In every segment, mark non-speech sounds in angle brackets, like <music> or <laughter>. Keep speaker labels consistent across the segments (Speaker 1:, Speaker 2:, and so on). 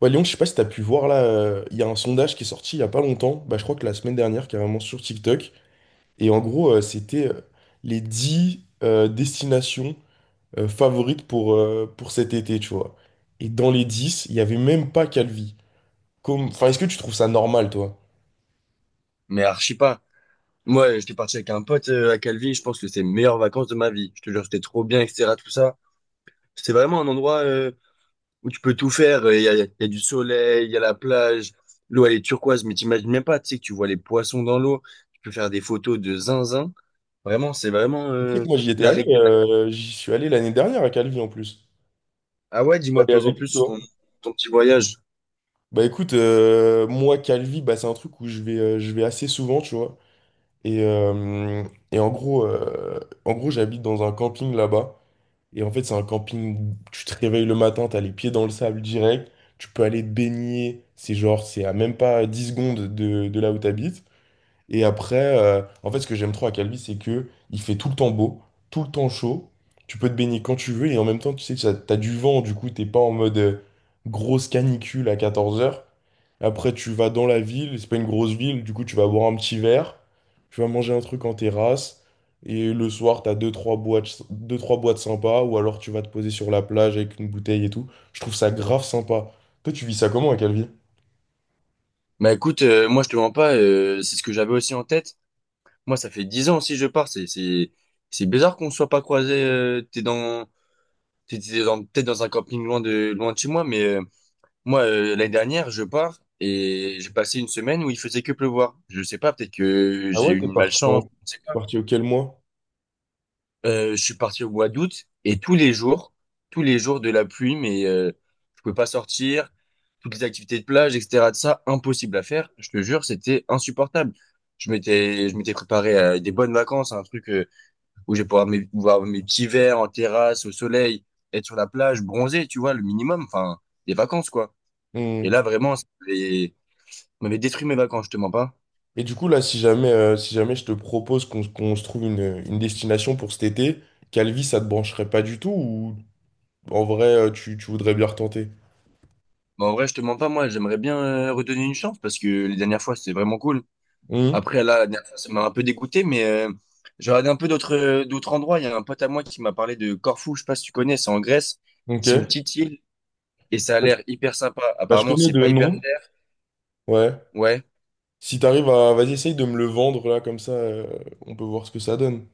Speaker 1: Ouais, Léon, je sais pas si t'as pu voir là, il y a un sondage qui est sorti il y a pas longtemps, bah, je crois que la semaine dernière, carrément sur TikTok. Et en gros, c'était les 10 destinations favorites pour cet été, tu vois. Et dans les 10 il y avait même pas Calvi. Comme... Enfin, est-ce que tu trouves ça normal, toi?
Speaker 2: Mais archi pas. Moi, j'étais parti avec un pote à Calvi. Je pense que c'est les meilleures vacances de ma vie. Je te jure, c'était trop bien, etc. Tout ça. C'est vraiment un endroit où tu peux tout faire. Il y a du soleil, il y a la plage. L'eau, elle est turquoise, mais t'imagines même pas. Tu sais que tu vois les poissons dans l'eau. Tu peux faire des photos de zinzin. Vraiment, c'est vraiment
Speaker 1: Tu sais que moi,
Speaker 2: la règle.
Speaker 1: j'y suis allé l'année dernière à Calvi en plus.
Speaker 2: Ah ouais,
Speaker 1: T'es
Speaker 2: dis-moi de
Speaker 1: allé
Speaker 2: plus en
Speaker 1: avec
Speaker 2: plus
Speaker 1: qui,
Speaker 2: sur
Speaker 1: toi?
Speaker 2: ton petit voyage.
Speaker 1: Bah écoute, moi, Calvi, bah, c'est un truc où je vais assez souvent, tu vois. Et, euh, et en gros, j'habite dans un camping là-bas. Et en fait, c'est un camping où tu te réveilles le matin, t'as les pieds dans le sable direct, tu peux aller te baigner. C'est genre, c'est à même pas 10 secondes de là où tu... Et après, en fait, ce que j'aime trop à Calvi, c'est que il fait tout le temps beau, tout le temps chaud. Tu peux te baigner quand tu veux et en même temps, tu sais, t'as du vent, du coup, t'es pas en mode grosse canicule à 14 heures. Après, tu vas dans la ville, c'est pas une grosse ville, du coup, tu vas boire un petit verre, tu vas manger un truc en terrasse et le soir, t'as deux, trois boîtes sympas ou alors tu vas te poser sur la plage avec une bouteille et tout. Je trouve ça grave sympa. Toi, tu vis ça comment à Calvi?
Speaker 2: Bah écoute, moi, je te mens pas. C'est ce que j'avais aussi en tête. Moi, ça fait 10 ans aussi que je pars. C'est bizarre qu'on ne soit pas croisés. T'es dans Peut-être dans un camping loin de chez moi, mais moi, l'année dernière, je pars et j'ai passé une semaine où il faisait que pleuvoir. Je sais pas, peut-être que
Speaker 1: Ah
Speaker 2: j'ai
Speaker 1: ouais,
Speaker 2: eu une malchance,
Speaker 1: t'es
Speaker 2: je sais pas.
Speaker 1: parti auquel mois?
Speaker 2: Je suis parti au mois d'août et tous les jours de la pluie, mais je pouvais pas sortir, toutes les activités de plage, etc. de ça, impossible à faire. Je te jure, c'était insupportable. Je m'étais préparé à des bonnes vacances, un truc où je vais pouvoir boire mes petits verres en terrasse, au soleil, être sur la plage, bronzer, tu vois, le minimum, enfin, des vacances, quoi. Et là, vraiment, ça m'avait détruit mes vacances, je te mens pas.
Speaker 1: Et du coup, là, si jamais je te propose qu'on se trouve une destination pour cet été, Calvi, ça te brancherait pas du tout ou en vrai, tu voudrais bien retenter?
Speaker 2: Mais en vrai, je te mens pas, moi, j'aimerais bien redonner une chance parce que les dernières fois, c'était vraiment cool.
Speaker 1: Hum.
Speaker 2: Après, là, la dernière fois, ça m'a un peu dégoûté, mais j'ai regardé un peu d'autres endroits. Il y a un pote à moi qui m'a parlé de Corfou, je sais pas si tu connais, c'est en Grèce. C'est une
Speaker 1: Ok.
Speaker 2: petite île et ça a l'air hyper sympa.
Speaker 1: Bah, je
Speaker 2: Apparemment,
Speaker 1: connais
Speaker 2: c'est
Speaker 1: de
Speaker 2: pas hyper
Speaker 1: nom.
Speaker 2: cher.
Speaker 1: Ouais.
Speaker 2: Ouais.
Speaker 1: Si t'arrives à... Vas-y, essaye de me le vendre, là, comme ça, on peut voir ce que ça donne.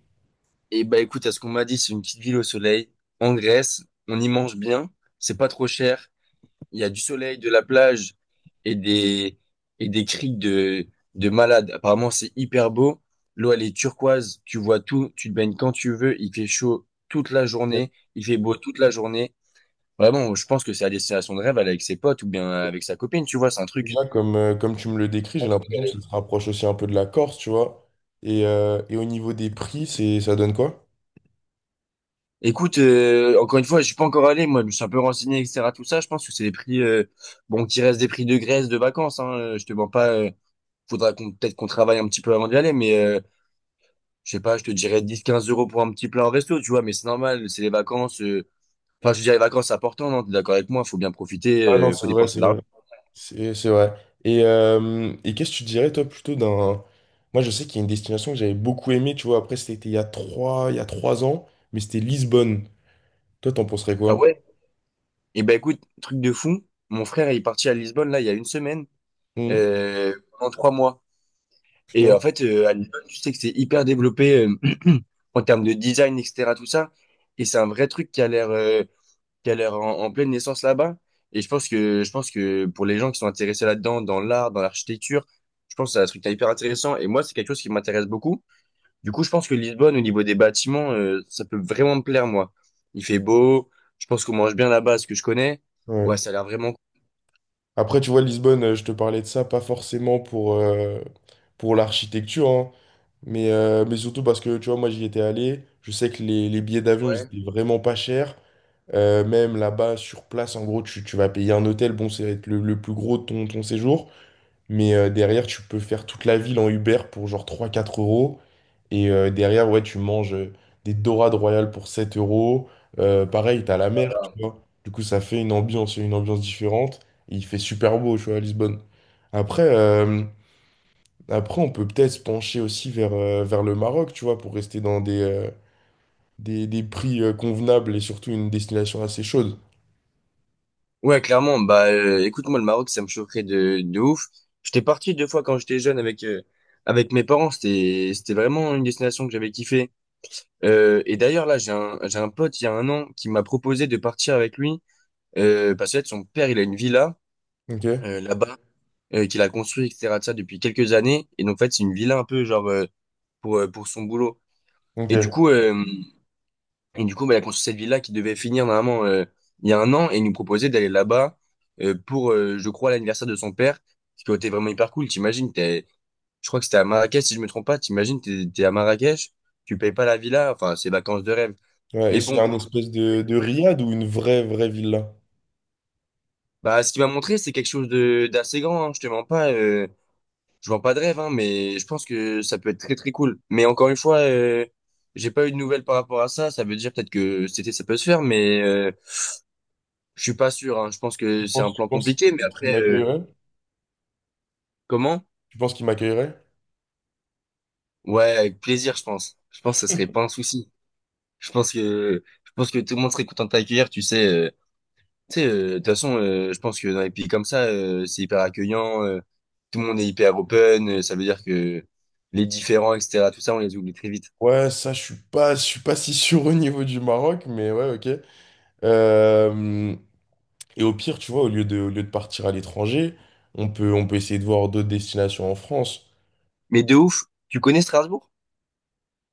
Speaker 2: Et bah écoute, à ce qu'on m'a dit, c'est une petite ville au soleil, en Grèce, on y mange bien, c'est pas trop cher, il y a du soleil, de la plage et des et des criques de malades. Apparemment, c'est hyper beau. L'eau, elle est turquoise, tu vois tout, tu te baignes quand tu veux, il fait chaud toute la
Speaker 1: Ouais.
Speaker 2: journée, il fait beau toute la journée. Vraiment, je pense que c'est la destination de rêve, aller avec ses potes ou bien avec sa copine, tu vois, c'est un truc.
Speaker 1: Déjà, comme tu me le décris, j'ai l'impression que ça se rapproche aussi un peu de la Corse, tu vois. Et au niveau des prix, ça donne quoi?
Speaker 2: Écoute, encore une fois, je suis pas encore allé, moi, je me suis un peu renseigné, etc. Tout ça, je pense que c'est des prix, bon, qui restent des prix de Grèce, de vacances, hein, je te mens pas, faudra qu'on, peut-être qu'on travaille un petit peu avant d'y aller, mais je sais pas, je te dirais 10-15 € pour un petit plat en resto, tu vois, mais c'est normal, c'est les vacances, enfin, je veux dire, les vacances, c'est important, non, t'es d'accord avec moi, faut bien profiter,
Speaker 1: Ah non,
Speaker 2: faut
Speaker 1: c'est vrai,
Speaker 2: dépenser
Speaker 1: c'est
Speaker 2: de
Speaker 1: vrai.
Speaker 2: l'argent.
Speaker 1: C'est vrai. Et qu'est-ce que tu dirais, toi, plutôt d'un... Moi, je sais qu'il y a une destination que j'avais beaucoup aimée, tu vois. Après, c'était il y a 3 ans, mais c'était Lisbonne. Toi, t'en penserais
Speaker 2: Ah
Speaker 1: quoi?
Speaker 2: ouais? Eh ben écoute, truc de fou, mon frère il est parti à Lisbonne, là, il y a une semaine,
Speaker 1: Hum.
Speaker 2: pendant trois mois. Et
Speaker 1: Putain.
Speaker 2: en fait, à Lisbonne, tu sais que c'est hyper développé <clears throat> en termes de design, etc. Tout ça. Et c'est un vrai truc qui a l'air en pleine naissance là-bas. Et je pense que pour les gens qui sont intéressés là-dedans, dans l'art, dans l'architecture, je pense que c'est un truc hyper intéressant. Et moi, c'est quelque chose qui m'intéresse beaucoup. Du coup, je pense que Lisbonne, au niveau des bâtiments, ça peut vraiment me plaire, moi. Il fait beau. Je pense qu'on mange bien là-bas, ce que je connais. Ouais,
Speaker 1: Ouais.
Speaker 2: ça a l'air vraiment cool.
Speaker 1: Après, tu vois, Lisbonne, je te parlais de ça, pas forcément pour l'architecture, hein, mais surtout parce que, tu vois, moi, j'y étais allé. Je sais que les billets d'avion, ils étaient vraiment pas chers. Même là-bas, sur place, en gros, tu vas payer un hôtel. Bon, c'est le plus gros de ton séjour. Mais derrière, tu peux faire toute la ville en Uber pour genre 3 4 euros. Et derrière, ouais, tu manges des dorades royales pour 7 euros. Pareil, t'as la mer, tu vois. Du coup, ça fait une ambiance différente. Et il fait super beau, tu vois, à Lisbonne. Après, euh, après on peut peut-être se pencher aussi vers le Maroc, tu vois, pour rester dans des prix convenables et surtout une destination assez chaude.
Speaker 2: Ouais, clairement. Bah, écoute, moi, le Maroc, ça me choquerait de ouf. J'étais parti deux fois quand j'étais jeune avec mes parents. C'était vraiment une destination que j'avais kiffé. Et d'ailleurs, là, j'ai un pote, il y a un an, qui m'a proposé de partir avec lui. Parce que, en fait, son père, il a une villa,
Speaker 1: Ok?
Speaker 2: là-bas, qu'il a construit, etc., de ça, depuis quelques années. Et donc, en fait, c'est une villa un peu, genre, pour son boulot.
Speaker 1: Ok.
Speaker 2: Et du coup, euh, Et du coup, bah, il a construit cette ville-là qui devait finir normalement il y a un an et il nous proposait d'aller là-bas pour, je crois, l'anniversaire de son père, ce qui aurait été vraiment hyper cool. T'imagines, je crois que c'était à Marrakech, si je me trompe pas. T'imagines, t'es à Marrakech, tu payes pas la villa, enfin, c'est vacances de rêve.
Speaker 1: Ouais, et
Speaker 2: Mais
Speaker 1: c'est
Speaker 2: bon,
Speaker 1: un
Speaker 2: pour...
Speaker 1: espèce de riad ou une vraie, vraie villa?
Speaker 2: Bah, ce qu'il m'a montré, c'est quelque chose de d'assez grand. Hein, je te mens pas, je vends pas de rêve, hein, mais je pense que ça peut être très très cool. Mais encore une fois, j'ai pas eu de nouvelles par rapport à ça. Ça veut dire peut-être que c'était ça peut se faire, mais je suis pas sûr, hein. Je pense que c'est un
Speaker 1: penses, tu
Speaker 2: plan
Speaker 1: penses
Speaker 2: compliqué, mais
Speaker 1: qu'il
Speaker 2: après,
Speaker 1: m'accueillerait?
Speaker 2: comment?
Speaker 1: Tu penses qu'il m'accueillerait?
Speaker 2: Ouais, avec plaisir, je pense. Je pense que ce serait pas un souci. Je pense que tout le monde serait content de t'accueillir, tu sais. Tu sais, de toute façon, je pense que dans les pays comme ça, c'est hyper accueillant. Tout le monde est hyper open. Ça veut dire que les différents, etc., tout ça, on les oublie très vite.
Speaker 1: Ouais, ça, je suis pas <laughs> si sûr au niveau du Maroc, mais ouais, ok. Euh, et au pire, tu vois, au lieu de partir à l'étranger, on peut essayer de voir d'autres destinations en France.
Speaker 2: Mais de ouf, tu connais Strasbourg?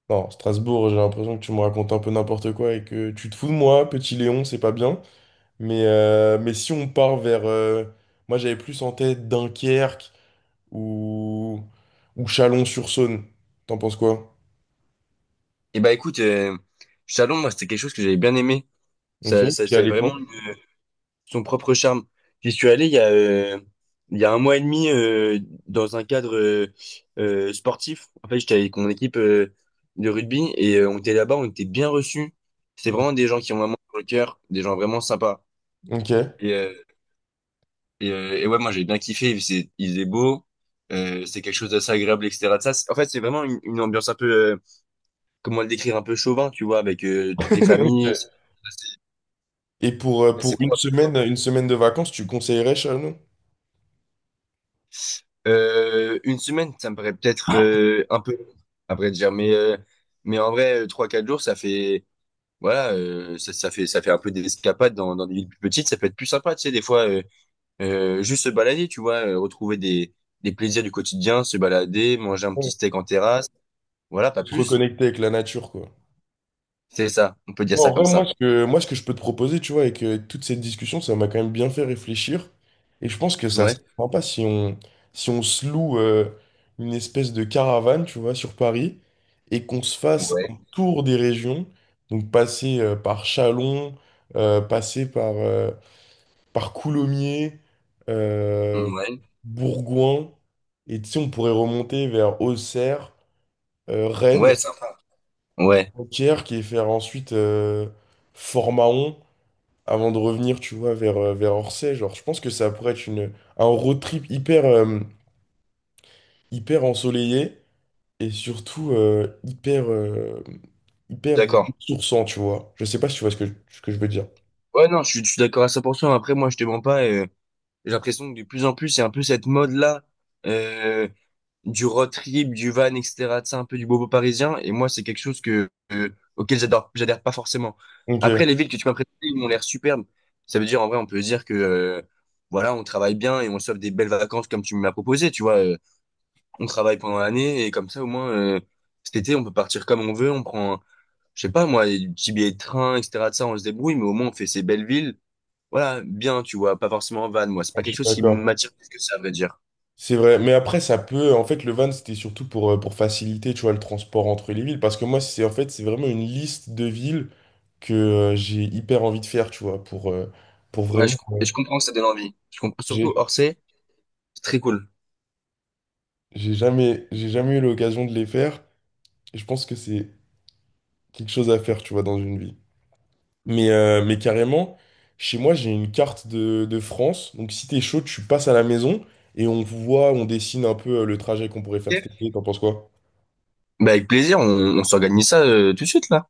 Speaker 1: Non, Strasbourg, j'ai l'impression que tu me racontes un peu n'importe quoi et que tu te fous de moi, petit Léon, c'est pas bien. Mais si on part moi, j'avais plus en tête Dunkerque ou Chalon-sur-Saône. T'en penses quoi?
Speaker 2: Eh ben, écoute, Chalon, moi, c'était quelque chose que j'avais bien aimé.
Speaker 1: Ok,
Speaker 2: Ça,
Speaker 1: qui
Speaker 2: c'est
Speaker 1: allait quand?
Speaker 2: vraiment son propre charme. J'y suis allé il y a un mois et demi dans un cadre sportif. En fait, j'étais avec mon équipe de rugby et on était là-bas, on était bien reçus. C'est vraiment des gens qui ont vraiment sur le cœur, des gens vraiment sympas.
Speaker 1: Ok.
Speaker 2: Et,
Speaker 1: <laughs>
Speaker 2: euh, et ouais, moi j'ai bien kiffé. Il faisait beau, c'est quelque chose d'assez agréable, etc. Ça, en fait, c'est vraiment une ambiance un peu, comment le décrire, un peu chauvin, tu vois, avec toutes les familles.
Speaker 1: Ok.
Speaker 2: C'est
Speaker 1: Et pour, euh,
Speaker 2: c'est- c'est
Speaker 1: pour une
Speaker 2: propre.
Speaker 1: semaine, de vacances, tu conseillerais Chalon?
Speaker 2: Une semaine, ça me paraît peut-être un peu long, à dire, mais en vrai, trois quatre jours, ça fait voilà, ça fait un peu des escapades dans des villes plus petites, ça peut être plus sympa, tu sais, des fois juste se balader, tu vois, retrouver des plaisirs du quotidien, se balader, manger un petit
Speaker 1: Ouais.
Speaker 2: steak en terrasse, voilà, pas
Speaker 1: De Se
Speaker 2: plus.
Speaker 1: reconnecter avec la nature, quoi.
Speaker 2: C'est ça, on peut dire
Speaker 1: Non, en
Speaker 2: ça comme
Speaker 1: vrai, moi,
Speaker 2: ça.
Speaker 1: ce que je peux te proposer, tu vois, avec toute cette discussion, ça m'a quand même bien fait réfléchir. Et je pense que ça
Speaker 2: Ouais,
Speaker 1: serait sympa si on se loue une espèce de caravane, tu vois, sur Paris, et qu'on se fasse
Speaker 2: ouais,
Speaker 1: un tour des régions. Donc, passer par Chalon, passer par Coulommiers, euh,
Speaker 2: ouais,
Speaker 1: Bourgoin, et tu sais, on pourrait remonter vers Auxerre, Rennes,
Speaker 2: ouais, sympa. Ouais,
Speaker 1: Dunkerque, et faire ensuite Fort-Mahon, avant de revenir, tu vois, vers Orsay. Genre, je pense que ça pourrait être un road trip hyper, hyper ensoleillé, et surtout hyper
Speaker 2: d'accord.
Speaker 1: ressourçant, tu vois. Je sais pas si tu vois ce que, je veux dire.
Speaker 2: Ouais, non, je suis d'accord à 100%. Après, moi, je te mens pas. J'ai l'impression que de plus en plus, c'est un peu cette mode-là euh, du road trip, du van, etc. C'est un peu du bobo parisien. Et moi, c'est quelque chose que j'adhère pas forcément.
Speaker 1: Ok, je
Speaker 2: Après, les villes que tu m'as présentées, ils m'ont l'air superbes. Ça veut dire, en vrai, on peut dire que voilà, on travaille bien et on sauve des belles vacances comme tu m'as proposé. Tu vois, on travaille pendant l'année et comme ça, au moins, cet été, on peut partir comme on veut. On prend, je sais pas moi, des petits billets de train, etc. De ça, on se débrouille, mais au moins, on fait ces belles villes, voilà, bien, tu vois, pas forcément en van, moi. C'est pas quelque
Speaker 1: suis
Speaker 2: chose qui
Speaker 1: d'accord.
Speaker 2: m'attire plus que ça, à vrai dire.
Speaker 1: C'est vrai, mais après en fait le van c'était surtout pour faciliter, tu vois, le transport entre les villes, parce que moi c'est en fait c'est vraiment une liste de villes que j'ai hyper envie de faire, tu vois, pour
Speaker 2: Ouais,
Speaker 1: vraiment...
Speaker 2: et je comprends que ça donne envie. Je comprends surtout
Speaker 1: j'ai
Speaker 2: Orsay, c'est très cool.
Speaker 1: j'ai jamais eu l'occasion de les faire, et je pense que c'est quelque chose à faire, tu vois, dans une vie. Mais carrément, chez moi j'ai une carte de France, donc si t'es chaud, tu passes à la maison, et on dessine un peu le trajet qu'on pourrait faire
Speaker 2: Ok.
Speaker 1: cet été, t'en penses quoi?
Speaker 2: Bah, avec plaisir, on s'organise ça tout de suite, là.